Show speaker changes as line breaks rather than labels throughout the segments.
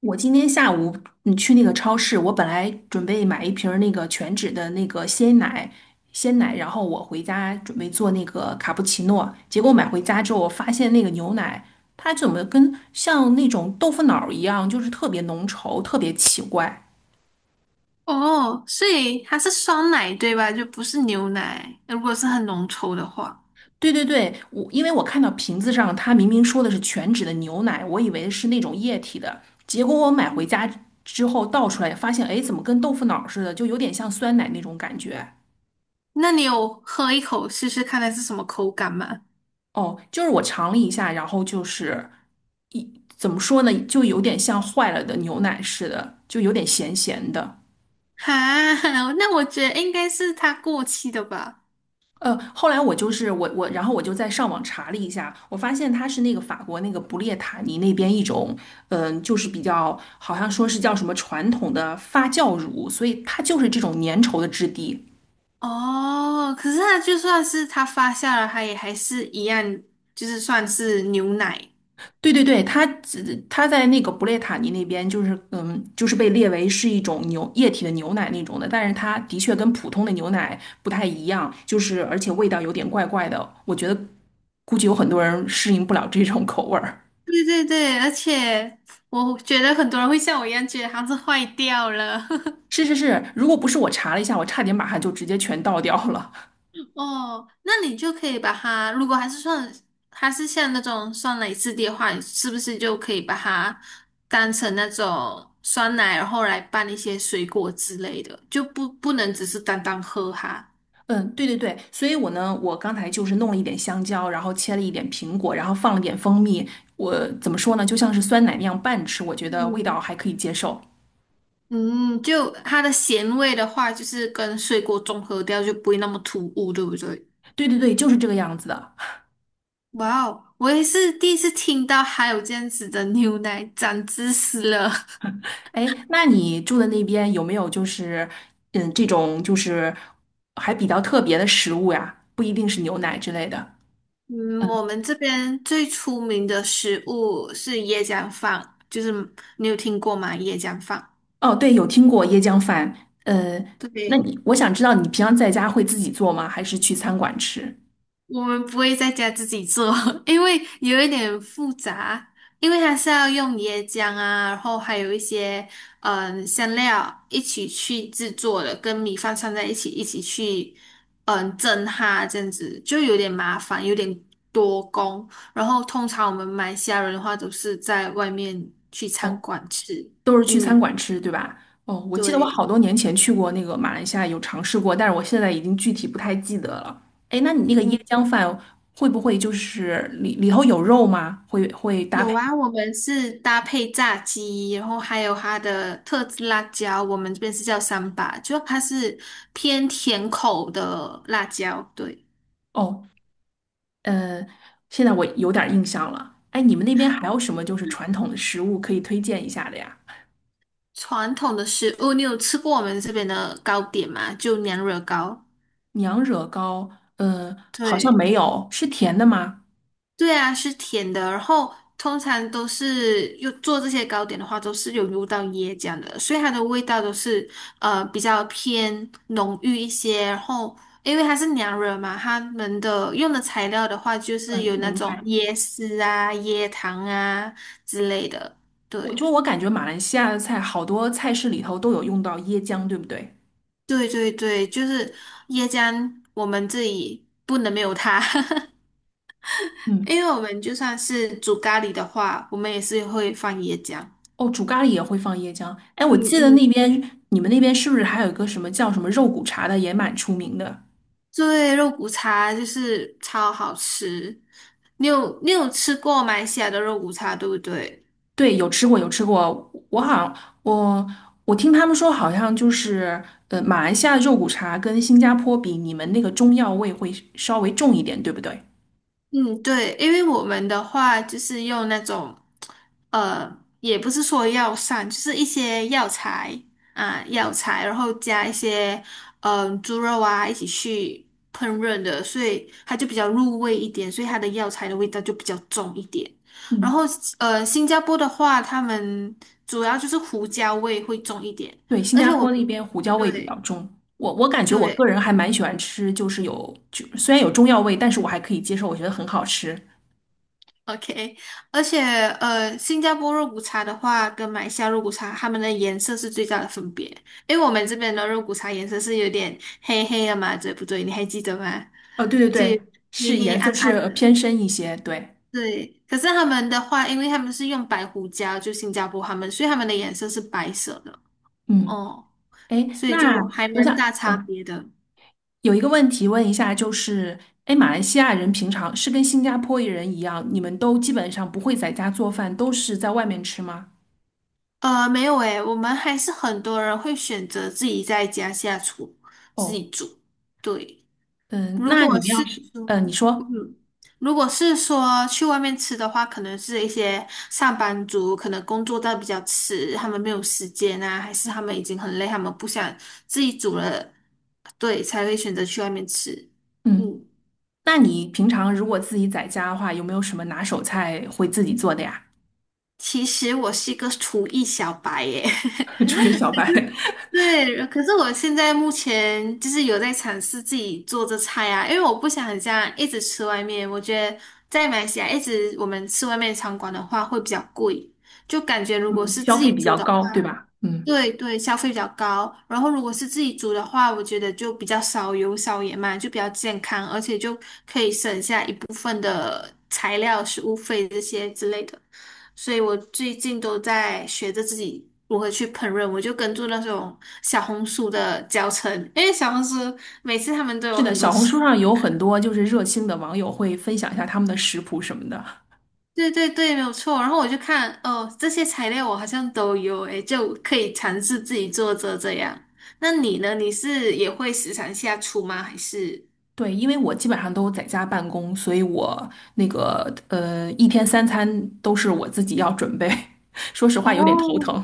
我今天下午去那个超市，我本来准备买一瓶儿那个全脂的那个鲜奶，然后我回家准备做那个卡布奇诺，结果买回家之后，我发现那个牛奶它怎么跟像那种豆腐脑儿一样，就是特别浓稠，特别奇怪。
哦，所以它是酸奶对吧？就不是牛奶。如果是很浓稠的话，
对对对，因为我看到瓶子上它明明说的是全脂的牛奶，我以为是那种液体的，结果我买回
嗯
家之后倒出来，发现哎，诶怎么跟豆腐脑儿似的，就有点像酸奶那种感觉。
那你有喝一口试试看它是什么口感吗？
哦，就是我尝了一下，然后就是怎么说呢，就有点像坏了的牛奶似的，就有点咸咸的。
哈，那我觉得应该是它过期的吧。
后来我然后我就在上网查了一下，我发现它是那个法国那个布列塔尼那边一种，就是比较好像说是叫什么传统的发酵乳，所以它就是这种粘稠的质地，
哦，可是它就算是它发酵了，它也还是一样，就是算是牛奶。
对对对，它在那个布列塔尼那边，就是被列为是一种牛液体的牛奶那种的，但是它的确跟普通的牛奶不太一样，就是而且味道有点怪怪的，我觉得估计有很多人适应不了这种口味儿。
对对对，而且我觉得很多人会像我一样觉得它是坏掉了。
是是是，如果不是我查了一下，我差点把它就直接全倒掉了。
哦，那你就可以把它，如果还是算，还是像那种酸奶质地的话，你是不是就可以把它当成那种酸奶，然后来拌一些水果之类的，就不能只是单单喝它。
嗯，对对对，所以我呢，我刚才就是弄了一点香蕉，然后切了一点苹果，然后放了点蜂蜜，我怎么说呢，就像是酸奶那样拌吃，我觉得味道
嗯，
还可以接受。
嗯，就它的咸味的话，就是跟水果中和掉，就不会那么突兀，对不对？
对对对，就是这个样子的。
哇哦，我也是第一次听到还有这样子的牛奶长知识了。
哎，那你住的那边有没有就是，嗯，这种就是还比较特别的食物呀？不一定是牛奶之类的。
嗯，
嗯，
我们这边最出名的食物是椰浆饭，就是你有听过吗？椰浆饭，
哦，对，有听过椰浆饭。呃，那
对，
你我想知道你平常在家会自己做吗？还是去餐馆吃？
我们不会在家自己做，因为有一点复杂，因为它是要用椰浆啊，然后还有一些香料一起去制作的，跟米饭串在一起，一起去蒸它，这样子就有点麻烦，有点多工。然后通常我们马来西亚人的话都是在外面去餐
哦，
馆吃。
都是去餐
嗯，
馆吃，对吧？哦，我记得我好
对。
多年前去过那个马来西亚，有尝试过，但是我现在已经具体不太记得了。哎，那你那个椰
嗯。
浆饭会不会就是里里头有肉吗？会会搭
有
配？
啊，我们是搭配炸鸡，然后还有它的特制辣椒，我们这边是叫三把，就它是偏甜口的辣椒。对，
哦，呃，现在我有点儿印象了。哎，你们那边还有什么就是传统的食物可以推荐一下的呀？
传统的食物，你有吃过我们这边的糕点吗？就娘惹糕。
娘惹糕，好像
对。
没有，是甜的吗？
对啊，是甜的，然后通常都是又做这些糕点的话，都是有入到椰浆的，所以它的味道都是比较偏浓郁一些。然后因为它是娘惹嘛，他们的用的材料的话，就是
嗯，
有那
明
种
白。
椰丝啊、椰糖啊之类的。
我
对，
就我感觉马来西亚的菜，好多菜式里头都有用到椰浆，对不对？
对对对，就是椰浆，我们这里不能没有它，
嗯，
因为我们就算是煮咖喱的话，我们也是会放椰浆。
哦，煮咖喱也会放椰浆。哎，我
嗯
记得
嗯。
那边你们那边是不是还有一个什么叫什么肉骨茶的，也蛮出名的？
对，肉骨茶就是超好吃。你有你有吃过马来西亚的肉骨茶，对不对？
对，有吃过，有吃过。我好像我我听他们说，好像就是马来西亚肉骨茶跟新加坡比，你们那个中药味会稍微重一点，对不对？
嗯，对，因为我们的话就是用那种，也不是说药膳，就是一些药材啊，药材，然后加一些猪肉啊一起去烹饪的，所以它就比较入味一点，所以它的药材的味道就比较重一点。然后
嗯，
新加坡的话，他们主要就是胡椒味会重一点，
对，新
而
加
且我
坡
们
那边胡椒味比较
对
重。我感觉我个
对。
人还蛮喜欢吃，就是虽然有中药味，但是我还可以接受，我觉得很好吃。
OK,而且新加坡肉骨茶的话，跟马来西亚肉骨茶，它们的颜色是最大的分别。因为我们这边的肉骨茶颜色是有点黑黑的嘛，对不对？你还记得吗？
对对
就
对，是
黑黑
颜色
暗
是
暗
呃
的。
偏深一些。对，
对，可是他们的话，因为他们是用白胡椒，就新加坡他们，所以他们的颜色是白色的。
嗯，
哦，
哎，
所以
那
就还
我
蛮
想，
大差
嗯、
别的。
有一个问题问一下，就是，哎，马来西亚人平常是跟新加坡人一样，你们都基本上不会在家做饭，都是在外面吃吗？
没有诶，我们还是很多人会选择自己在家下厨，自
哦，
己煮。对。
嗯，
如
那你
果
们
是
要是，
说，
你说，
嗯，如果是说去外面吃的话，可能是一些上班族，可能工作到比较迟，他们没有时间啊，还是他们已经很累，他们不想自己煮了，对，才会选择去外面吃。
嗯，
嗯，
那你平常如果自己在家的话，有没有什么拿手菜会自己做的呀？
其实我是一个厨艺小白耶。
作为小白，
对，可是我现在目前就是有在尝试自己做这菜啊，因为我不想这样一直吃外面，我觉得在马来西亚一直我们吃外面餐馆的话会比较贵，就感觉如果
嗯，
是
消
自己
费比
煮
较
的
高，对
话，
吧？嗯，
对对，消费比较高，然后如果是自己煮的话，我觉得就比较少油少盐嘛，就比较健康，而且就可以省下一部，材料、食物费这些之类的，所以我最近都在学着自己如何去烹饪。我就跟住那种小红书的教程，因为小红书每次他们都有
是的，
很多
小红
食，
书上有很多就是热心的网友会分享一下他们的食谱什么的。
对对对，没有错。然后我就看，哦，这些材料我好像都有，诶，就可以尝试自己做着这样。那你呢？你是也会时常下厨吗？还是？
对，因为我基本上都在家办公，所以我那个一天三餐都是我自己要准备。说实话，有点头
哦。
疼。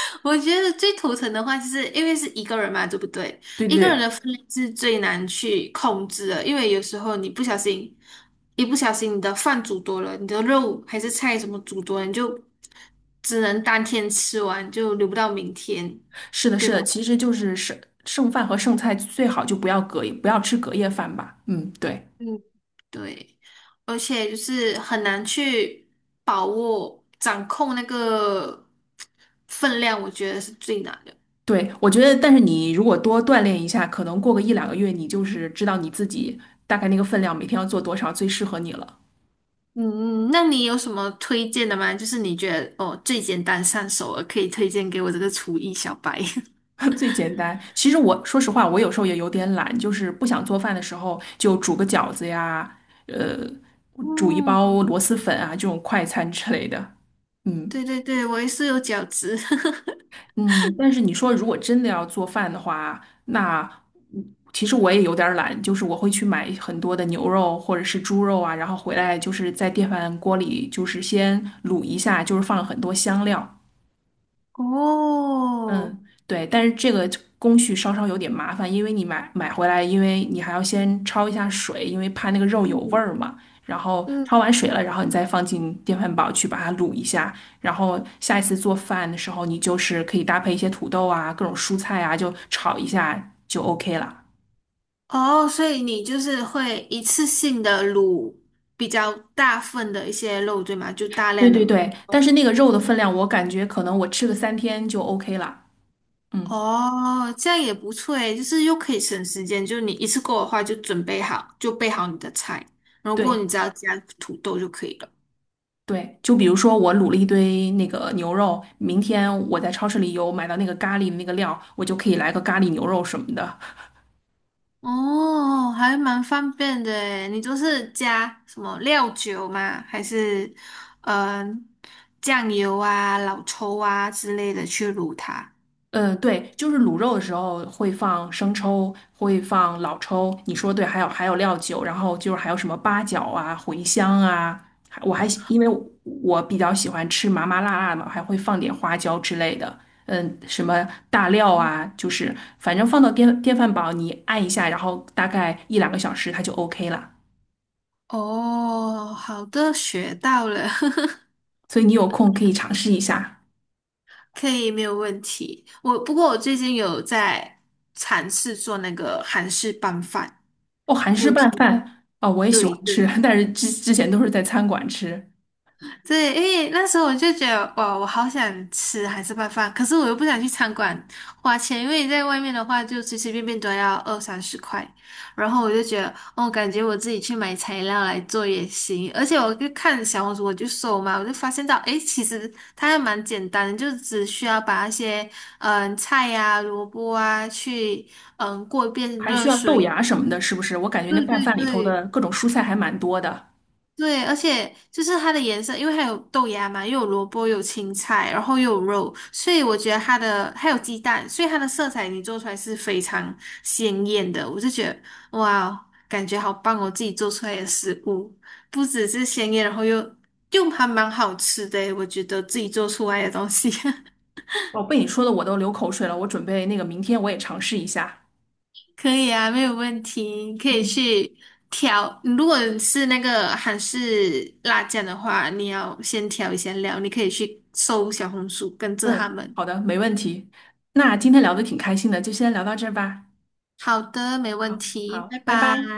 我觉得最头疼的话，就是因为是一个人嘛，对不对？
对对
一个人的
对，
分量是最难去控制的，因为有时候你不小心，一不小心你的饭煮多了，你的肉还是菜什么煮多了，你就只能当天吃完，就留不到明天，
是的，
对
是
吧？
的，其实剩饭和剩菜最好就不要隔夜，不要吃隔夜饭吧。嗯，对
嗯，对，而且就是很难去把握、掌控那个分量，我觉得是最难的。
对，我觉得，但是你如果多锻炼一下，可能过个一两个月，你就是知道你自己大概那个分量每天要做多少，最适合你了。
嗯那你有什么推荐的吗？就是你觉得哦最简单上手了，可以推荐给我这个厨艺小白。
最简单。其实我说实话，我有时候也有点懒，就是不想做饭的时候，就煮个饺子呀，呃，煮一包
嗯，
螺蛳粉啊，这种快餐之类的。嗯
对对对，我也是有饺子。
嗯，但是你说如果真的要做饭的话，那嗯其实我也有点儿懒，就是我会去买很多的牛肉或者是猪肉啊，然后回来就是在电饭锅里就是先卤一下，就是放很多香料，
哦，
嗯，对，但是这个工序稍稍有点麻烦，因为你买回来，因为你还要先焯一下水，因为怕那个肉有味
嗯
儿嘛。然后
嗯，
焯完水了，然后你再放进电饭煲去把它卤一下。然后下一次做饭的时候，你就是可以搭配一些土豆啊、各种蔬菜啊，就炒一下就 OK 了。
哦，所以你就是会一次性的卤比较大份的一些肉，对吗？就大
对
量的
对
卤。
对，但是那个肉的分量，我感觉可能我吃个三天就 OK 了。嗯，
哦，这样也不错诶，就是又可以省时间，就是你一次过的话就准备好，就备好你的菜，然后过后
对。
你只要加土豆就可以了。
对，就比如说我卤了一堆那个牛肉，明天我在超市里有买到那个咖喱的那个料，我就可以来个咖喱牛肉什么的。
哦，还蛮方便的诶，你就是加什么料酒吗？还是嗯、呃酱油啊、老抽啊之类的去卤它？
嗯，对，就是卤肉的时候会放生抽，会放老抽，你说对，还有料酒，然后就是还有什么八角啊、茴香啊，还我还喜因为我比较喜欢吃麻麻辣辣的，还会放点花椒之类的。嗯，什么大料啊，就是反正放到电饭煲，你按一下，然后大概一两个小时它就 OK 了。
哦，好的，学到了，
所以你有空可以尝试一下。
可以，没有问题。不过我最近有在尝试做那个韩式拌饭，
哦，韩
六
式
有
拌
听？
饭啊，我也喜
对
欢吃，
对。
但是之前都是在餐馆吃，
对，因为那时候我就觉得，哇，我好想吃海式拌饭，可是我又不想去餐馆花钱，因为在外面的话就随随便便都要20-30块，然后我就觉得，哦，感觉我自己去买材料来做也行，而且我就看小红书，我就搜嘛，我就发现到，诶，其实它还蛮简单的，就只需要把那些菜呀、萝卜啊去过一遍
还需
热
要豆
水，
芽什么的，是不是？我感觉那
对
拌
对
饭里头的
对。
各种蔬菜还蛮多的。
对，而且就是它的颜色，因为它有豆芽嘛，又有萝卜，又有青菜，然后又有肉，所以我觉得它的还有鸡蛋，所以它的色彩你做出来是非常鲜艳的。我就觉得哇哦，感觉好棒哦，自己做出来的食物不只是鲜艳，然后又还蛮好吃的诶，我觉得自己做出来的东西。
哦，被你说的我都流口水了，我准备那个明天我也尝试一下。
可以啊，没有问题，可以
嗯
去调。如果是那个韩式辣酱的话，你要先调一下料，你可以去搜小红书，跟着他
嗯，
们。
好的，没问题。那今天聊的挺开心的，就先聊到这儿吧。
好的，没问
好，
题，
好，
拜
拜拜。
拜。